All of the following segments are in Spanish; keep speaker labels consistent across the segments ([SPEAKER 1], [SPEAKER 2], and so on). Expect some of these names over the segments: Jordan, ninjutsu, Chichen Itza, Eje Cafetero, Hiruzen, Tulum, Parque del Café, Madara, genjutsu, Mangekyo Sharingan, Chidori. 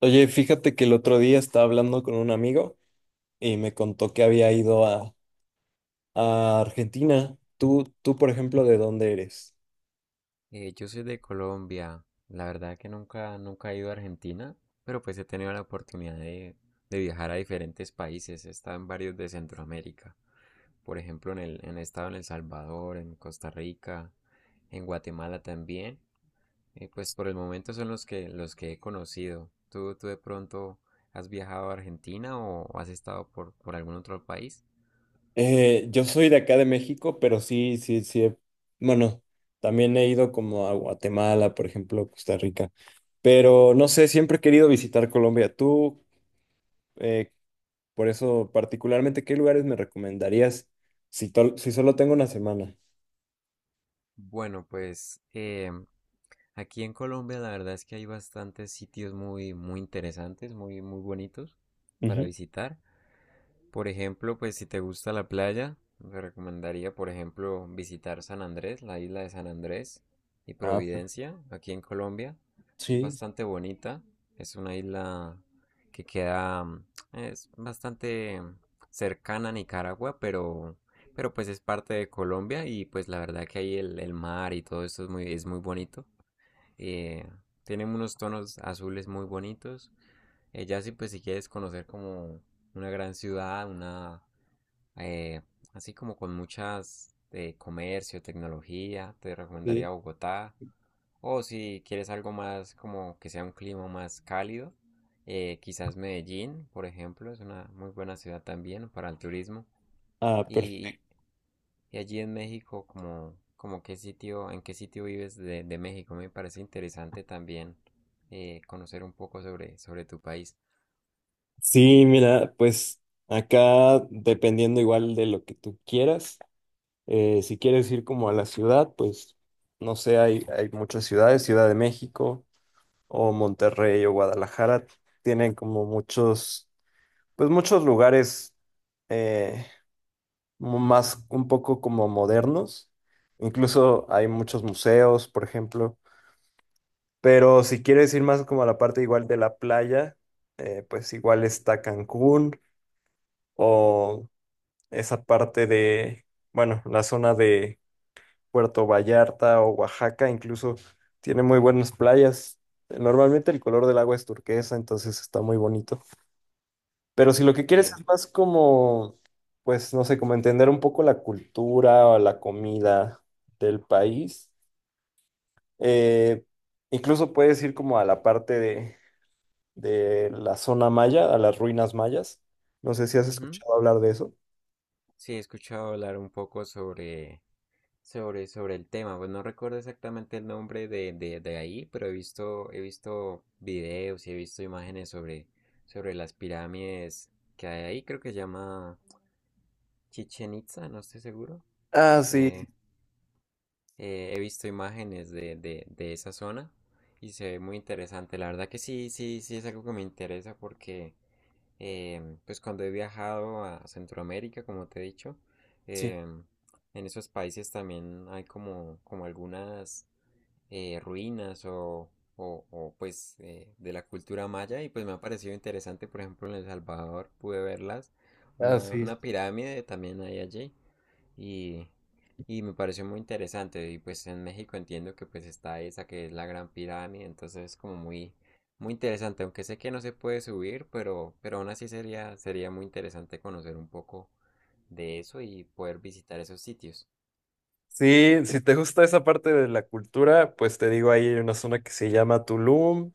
[SPEAKER 1] Oye, fíjate que el otro día estaba hablando con un amigo y me contó que había ido a Argentina. Tú, por ejemplo, ¿de dónde eres?
[SPEAKER 2] Yo soy de Colombia. La verdad que nunca he ido a Argentina, pero pues he tenido la oportunidad de viajar a diferentes países. He estado en varios de Centroamérica. Por ejemplo, en el, en he estado en El Salvador, en Costa Rica, en Guatemala también. Pues por el momento son los que he conocido. ¿Tú de pronto has viajado a Argentina o has estado por algún otro país?
[SPEAKER 1] Yo soy de acá de México, pero sí. Bueno, también he ido como a Guatemala, por ejemplo, Costa Rica. Pero no sé, siempre he querido visitar Colombia. Tú, eh, por eso, particularmente, ¿qué lugares me recomendarías si, si solo tengo una semana?
[SPEAKER 2] Bueno, pues aquí en Colombia la verdad es que hay bastantes sitios muy, muy interesantes, muy, muy bonitos para
[SPEAKER 1] Ujú.
[SPEAKER 2] visitar. Por ejemplo, pues si te gusta la playa, te recomendaría, por ejemplo, visitar San Andrés, la isla de San Andrés y
[SPEAKER 1] Ah, per-
[SPEAKER 2] Providencia, aquí en Colombia. Es
[SPEAKER 1] sí,
[SPEAKER 2] bastante bonita, es una isla que queda, es bastante cercana a Nicaragua, pero pues es parte de Colombia y pues la verdad que ahí el mar y todo eso es muy bonito. Eh, Tienen unos tonos azules muy bonitos. Ya, pues si quieres conocer como una gran ciudad, una eh, así como con muchas comercio, tecnología, te
[SPEAKER 1] sí.
[SPEAKER 2] recomendaría Bogotá. O si quieres algo más como que sea un clima más cálido, quizás Medellín, por ejemplo, es una muy buena ciudad también para el turismo.
[SPEAKER 1] Ah,
[SPEAKER 2] Y y allí en México, como en qué sitio vives de México, me parece interesante también conocer un poco sobre, sobre, tu país.
[SPEAKER 1] sí, mira, pues acá dependiendo igual de lo que tú quieras, si quieres ir como a la ciudad, pues no sé, hay muchas ciudades, Ciudad de México o Monterrey o Guadalajara, tienen como muchos, pues muchos lugares eh, más un poco como modernos, incluso hay muchos museos, por ejemplo, pero si quieres ir más como a la parte igual de la playa, pues igual está Cancún. O esa parte de, bueno, la zona de Puerto Vallarta o Oaxaca, incluso tiene muy buenas playas. Normalmente el color del agua es turquesa, entonces está muy bonito. Pero si lo que quieres
[SPEAKER 2] Sí,
[SPEAKER 1] es más como, pues no sé, como entender un poco la cultura o la comida del país, eh, incluso puedes ir como a la parte de la zona maya, a las ruinas mayas. No sé si has
[SPEAKER 2] ujú.
[SPEAKER 1] escuchado hablar de eso.
[SPEAKER 2] Sí, he escuchado hablar un poco sobre el tema. Pues no recuerdo exactamente el nombre de ahí, pero he visto videos y he visto imágenes sobre las pirámides que hay ahí. Creo que se llama Chichen Itza, no estoy seguro.
[SPEAKER 1] Ah, sí,
[SPEAKER 2] Eh, he visto imágenes de esa zona y se ve muy interesante. La verdad que sí, sí, sí es algo que me interesa porque pues cuando he viajado a Centroamérica, como te he dicho,
[SPEAKER 1] sí.
[SPEAKER 2] em, en esos países también hay como algunas ruinas o, pues de la cultura maya y pues me ha parecido interesante, por ejemplo, en El Salvador pude verlas,
[SPEAKER 1] Ah,
[SPEAKER 2] una,
[SPEAKER 1] sí.
[SPEAKER 2] una pirámide también hay allí y, y me pareció muy interesante y pues en México entiendo que pues está esa que es la Gran Pirámide, entonces es como muy, muy interesante, aunque sé que no se puede subir, pero aún así sería muy interesante conocer un poco de eso y poder visitar esos sitios.
[SPEAKER 1] Sí, si te gusta esa parte de la cultura, pues te digo, ahí hay una zona que se llama Tulum,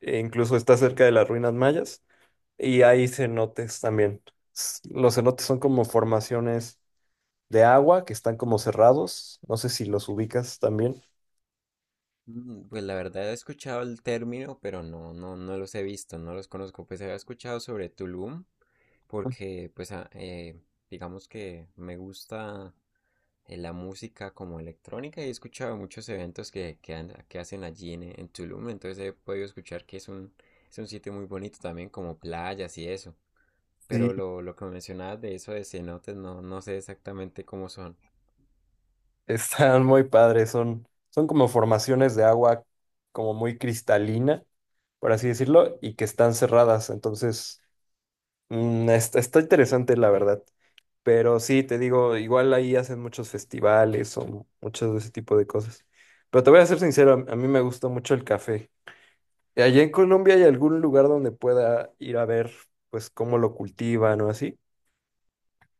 [SPEAKER 1] e incluso está cerca de las ruinas mayas, y hay cenotes también. Los cenotes son como formaciones de agua que están como cerrados, no sé si los ubicas también.
[SPEAKER 2] Pues la verdad he escuchado el término, pero no, no, no los he visto, no los conozco. Pues había escuchado sobre Tulum, porque pues digamos que me gusta la música como electrónica y he escuchado muchos eventos que hacen allí en Tulum, entonces he podido escuchar que es un sitio muy bonito también, como playas y eso.
[SPEAKER 1] Sí,
[SPEAKER 2] Pero lo que mencionabas de eso de cenotes, no, no sé exactamente cómo son.
[SPEAKER 1] están muy padres, son como formaciones de agua como muy cristalina, por así decirlo, y que están cerradas, entonces mm, está interesante, la verdad. Pero sí, te digo, igual ahí hacen muchos festivales o muchos de ese tipo de cosas. Pero te voy a ser sincero, a mí me gusta mucho el café. ¿Y allá en Colombia hay algún lugar donde pueda ir a ver, pues, cómo lo cultivan o así?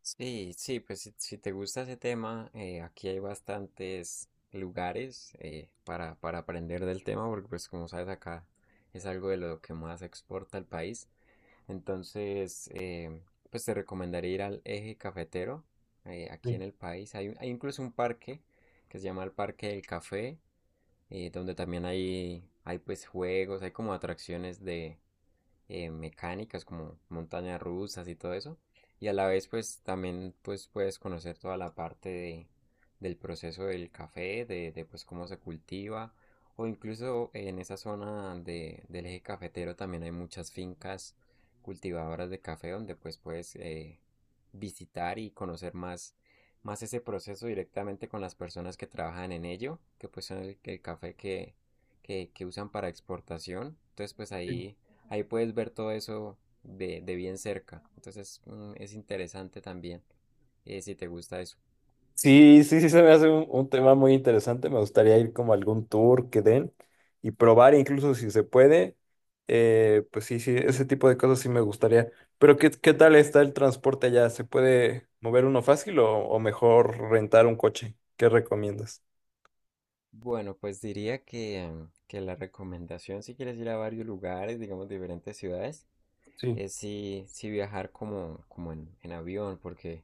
[SPEAKER 2] Sí, sí, pues si te gusta ese tema, aquí hay bastantes lugares para aprender del tema, porque pues como sabes acá es algo de lo que más exporta el país. Entonces, pues te recomendaría ir al Eje Cafetero, aquí en el país. Hay incluso un parque que se llama el Parque del Café, donde también hay pues juegos, hay como atracciones de mecánicas como montañas rusas y todo eso. Y a la vez pues también pues puedes conocer toda la parte del proceso del café, pues cómo se cultiva. O incluso en esa zona del eje cafetero también hay muchas fincas cultivadoras de café donde pues puedes visitar y conocer más ese proceso directamente con las personas que trabajan en ello, que pues son el café que usan para exportación. Entonces pues
[SPEAKER 1] Sí.
[SPEAKER 2] ahí puedes ver todo eso de bien cerca. Entonces es interesante también si te gusta eso.
[SPEAKER 1] Sí, sí, sí, se me hace un tema muy interesante. Me gustaría ir como a algún tour que den y probar, incluso si se puede. Pues sí, sí, ese tipo de cosas sí me gustaría. Pero ¿qué, qué tal está el transporte allá? ¿Se puede mover uno fácil o mejor rentar un coche? ¿Qué recomiendas?
[SPEAKER 2] Bueno, pues diría que la recomendación si quieres ir a varios lugares, digamos diferentes ciudades,
[SPEAKER 1] Sí.
[SPEAKER 2] es si viajar como en avión, porque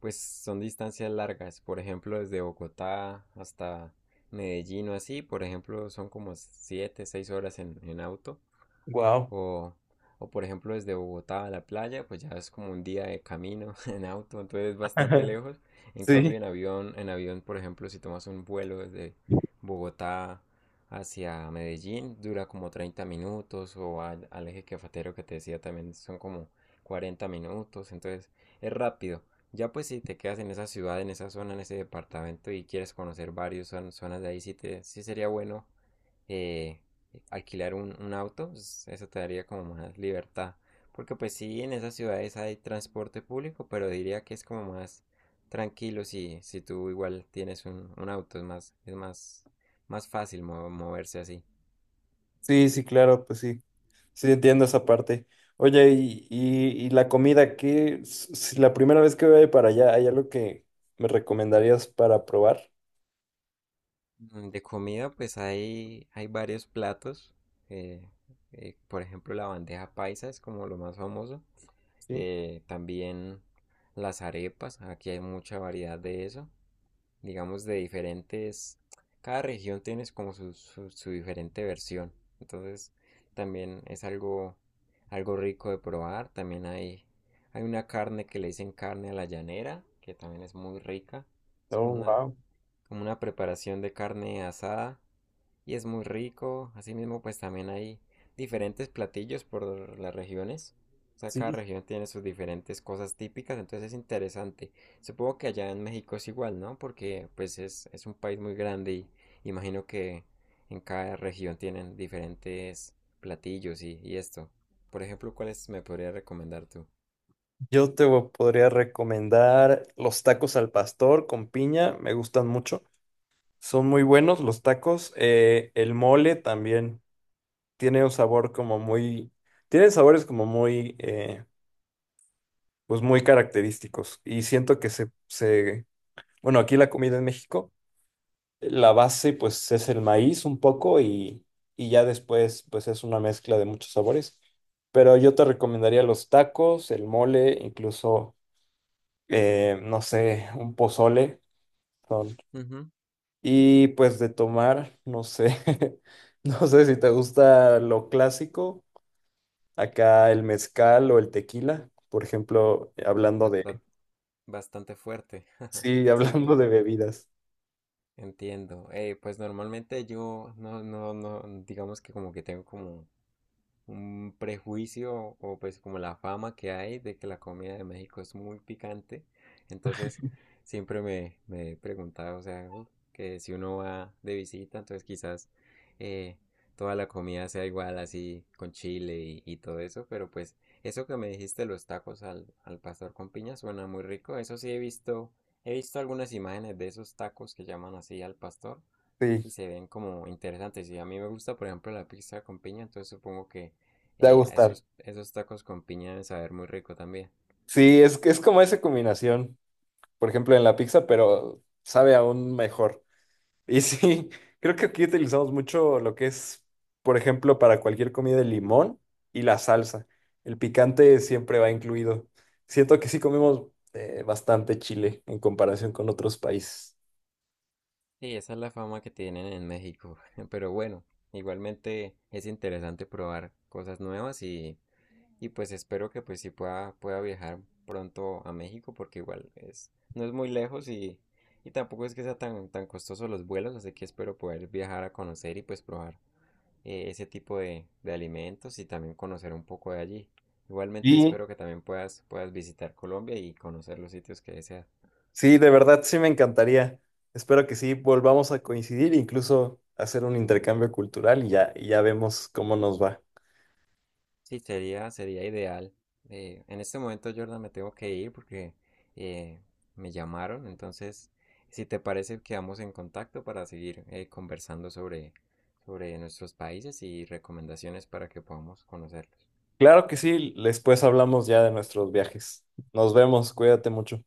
[SPEAKER 2] pues son distancias largas. Por ejemplo, desde Bogotá hasta Medellín o así, por ejemplo, son como 7, 6 horas en auto.
[SPEAKER 1] Wow.
[SPEAKER 2] O, o por ejemplo, desde Bogotá a la playa, pues ya es como un día de camino en auto, entonces es bastante lejos. En cambio,
[SPEAKER 1] Sí.
[SPEAKER 2] en avión, por ejemplo, si tomas un vuelo desde Bogotá hacia Medellín, dura como 30 minutos, o al eje cafetero que te decía también son como 40 minutos, entonces es rápido. Ya pues si te quedas en esa ciudad, en esa zona, en ese departamento y quieres conocer varios varias zonas de ahí, sí sería bueno eh, alquilar un auto, pues, eso te daría como más libertad. Porque pues sí, en esas ciudades hay transporte público, pero diría que es como más tranquilo si tú igual tienes un auto, es más fácil moverse así.
[SPEAKER 1] Sí, sí, claro, pues sí. Sí, entiendo esa parte. Oye, y la comida, ¿qué? Si la primera vez que voy para allá, ¿hay algo que me recomendarías para probar?
[SPEAKER 2] De comida pues hay varios platos, eh, por ejemplo la bandeja paisa es como lo más famoso,
[SPEAKER 1] Sí.
[SPEAKER 2] también las arepas, aquí hay mucha variedad de eso. Digamos, de diferentes, cada región tiene como su diferente versión. Entonces, también es algo rico de probar. También hay una carne que le dicen carne a la llanera, que también es muy rica. Es como
[SPEAKER 1] Oh,
[SPEAKER 2] una,
[SPEAKER 1] wow.
[SPEAKER 2] como una preparación de carne asada y es muy rico. Asimismo, pues también hay diferentes platillos por las regiones. O sea,
[SPEAKER 1] Sí,
[SPEAKER 2] cada región tiene sus diferentes cosas típicas, entonces es interesante. Supongo que allá en México es igual, ¿no? Porque pues es un país muy grande y imagino que en cada región tienen diferentes platillos y esto. Por ejemplo, ¿cuáles me podría recomendar tú?
[SPEAKER 1] podría recomendar los tacos al pastor con piña, me gustan mucho. Son muy buenos los tacos. El mole también tiene un sabor como muy, tiene sabores como muy, pues muy característicos. Y siento que se bueno, aquí la comida en México, la base pues es el maíz un poco y ya después pues es una mezcla de muchos sabores. Pero yo te recomendaría los tacos, el mole, incluso, no sé, un pozole. son-
[SPEAKER 2] Ujú.
[SPEAKER 1] Y pues de tomar, no sé, no sé si te gusta lo clásico, acá el mezcal o el tequila, por ejemplo, hablando de,
[SPEAKER 2] Basta- Bastante fuerte.
[SPEAKER 1] sí,
[SPEAKER 2] Sí,
[SPEAKER 1] hablando de
[SPEAKER 2] pu-
[SPEAKER 1] bebidas.
[SPEAKER 2] Entiendo. Pues normalmente yo no, no, no, digamos que como que tengo como un prejuicio o pues como la fama que hay de que la comida de México es muy picante. Entonces siempre me he preguntado, o sea, que si uno va de visita, entonces quizás eh, toda la comida sea igual así con chile y todo eso, pero pues eso que me dijiste, los tacos al pastor con piña, suena muy rico. Eso sí he visto, algunas imágenes de esos tacos que llaman así al pastor
[SPEAKER 1] Sí,
[SPEAKER 2] y se ven como interesantes. Y a mí me gusta, por ejemplo, la pizza con piña, entonces supongo que
[SPEAKER 1] te va a
[SPEAKER 2] a
[SPEAKER 1] gustar.
[SPEAKER 2] esos tacos con piña deben saber muy rico también.
[SPEAKER 1] Sí, es que es como esa combinación. Por ejemplo, en la pizza, pero sabe aún mejor. Y sí, creo que aquí utilizamos mucho lo que es, por ejemplo, para cualquier comida, el limón y la salsa. El picante siempre va incluido. Siento que sí comemos bastante chile en comparación con otros países.
[SPEAKER 2] Y esa es la fama que tienen en México. Pero bueno, igualmente es interesante probar cosas nuevas y pues espero que pues sí pueda viajar pronto a México porque igual es, no es muy lejos y tampoco es que sea tan, tan costoso los vuelos, así que espero poder viajar a conocer y pues probar ese tipo de alimentos y también conocer un poco de allí. Igualmente
[SPEAKER 1] Y
[SPEAKER 2] espero que también puedas visitar Colombia y conocer los sitios que deseas.
[SPEAKER 1] sí, de verdad sí me encantaría. Espero que sí volvamos a coincidir, incluso hacer un intercambio cultural y ya vemos cómo nos va.
[SPEAKER 2] Sí, sería ideal. En este momento, Jordan, me tengo que ir porque eh, me llamaron. Entonces, si te parece, quedamos en contacto para seguir conversando sobre, nuestros países y recomendaciones para que podamos conocerlos.
[SPEAKER 1] Claro que sí, después hablamos ya de nuestros viajes. Nos vemos, cuídate mucho.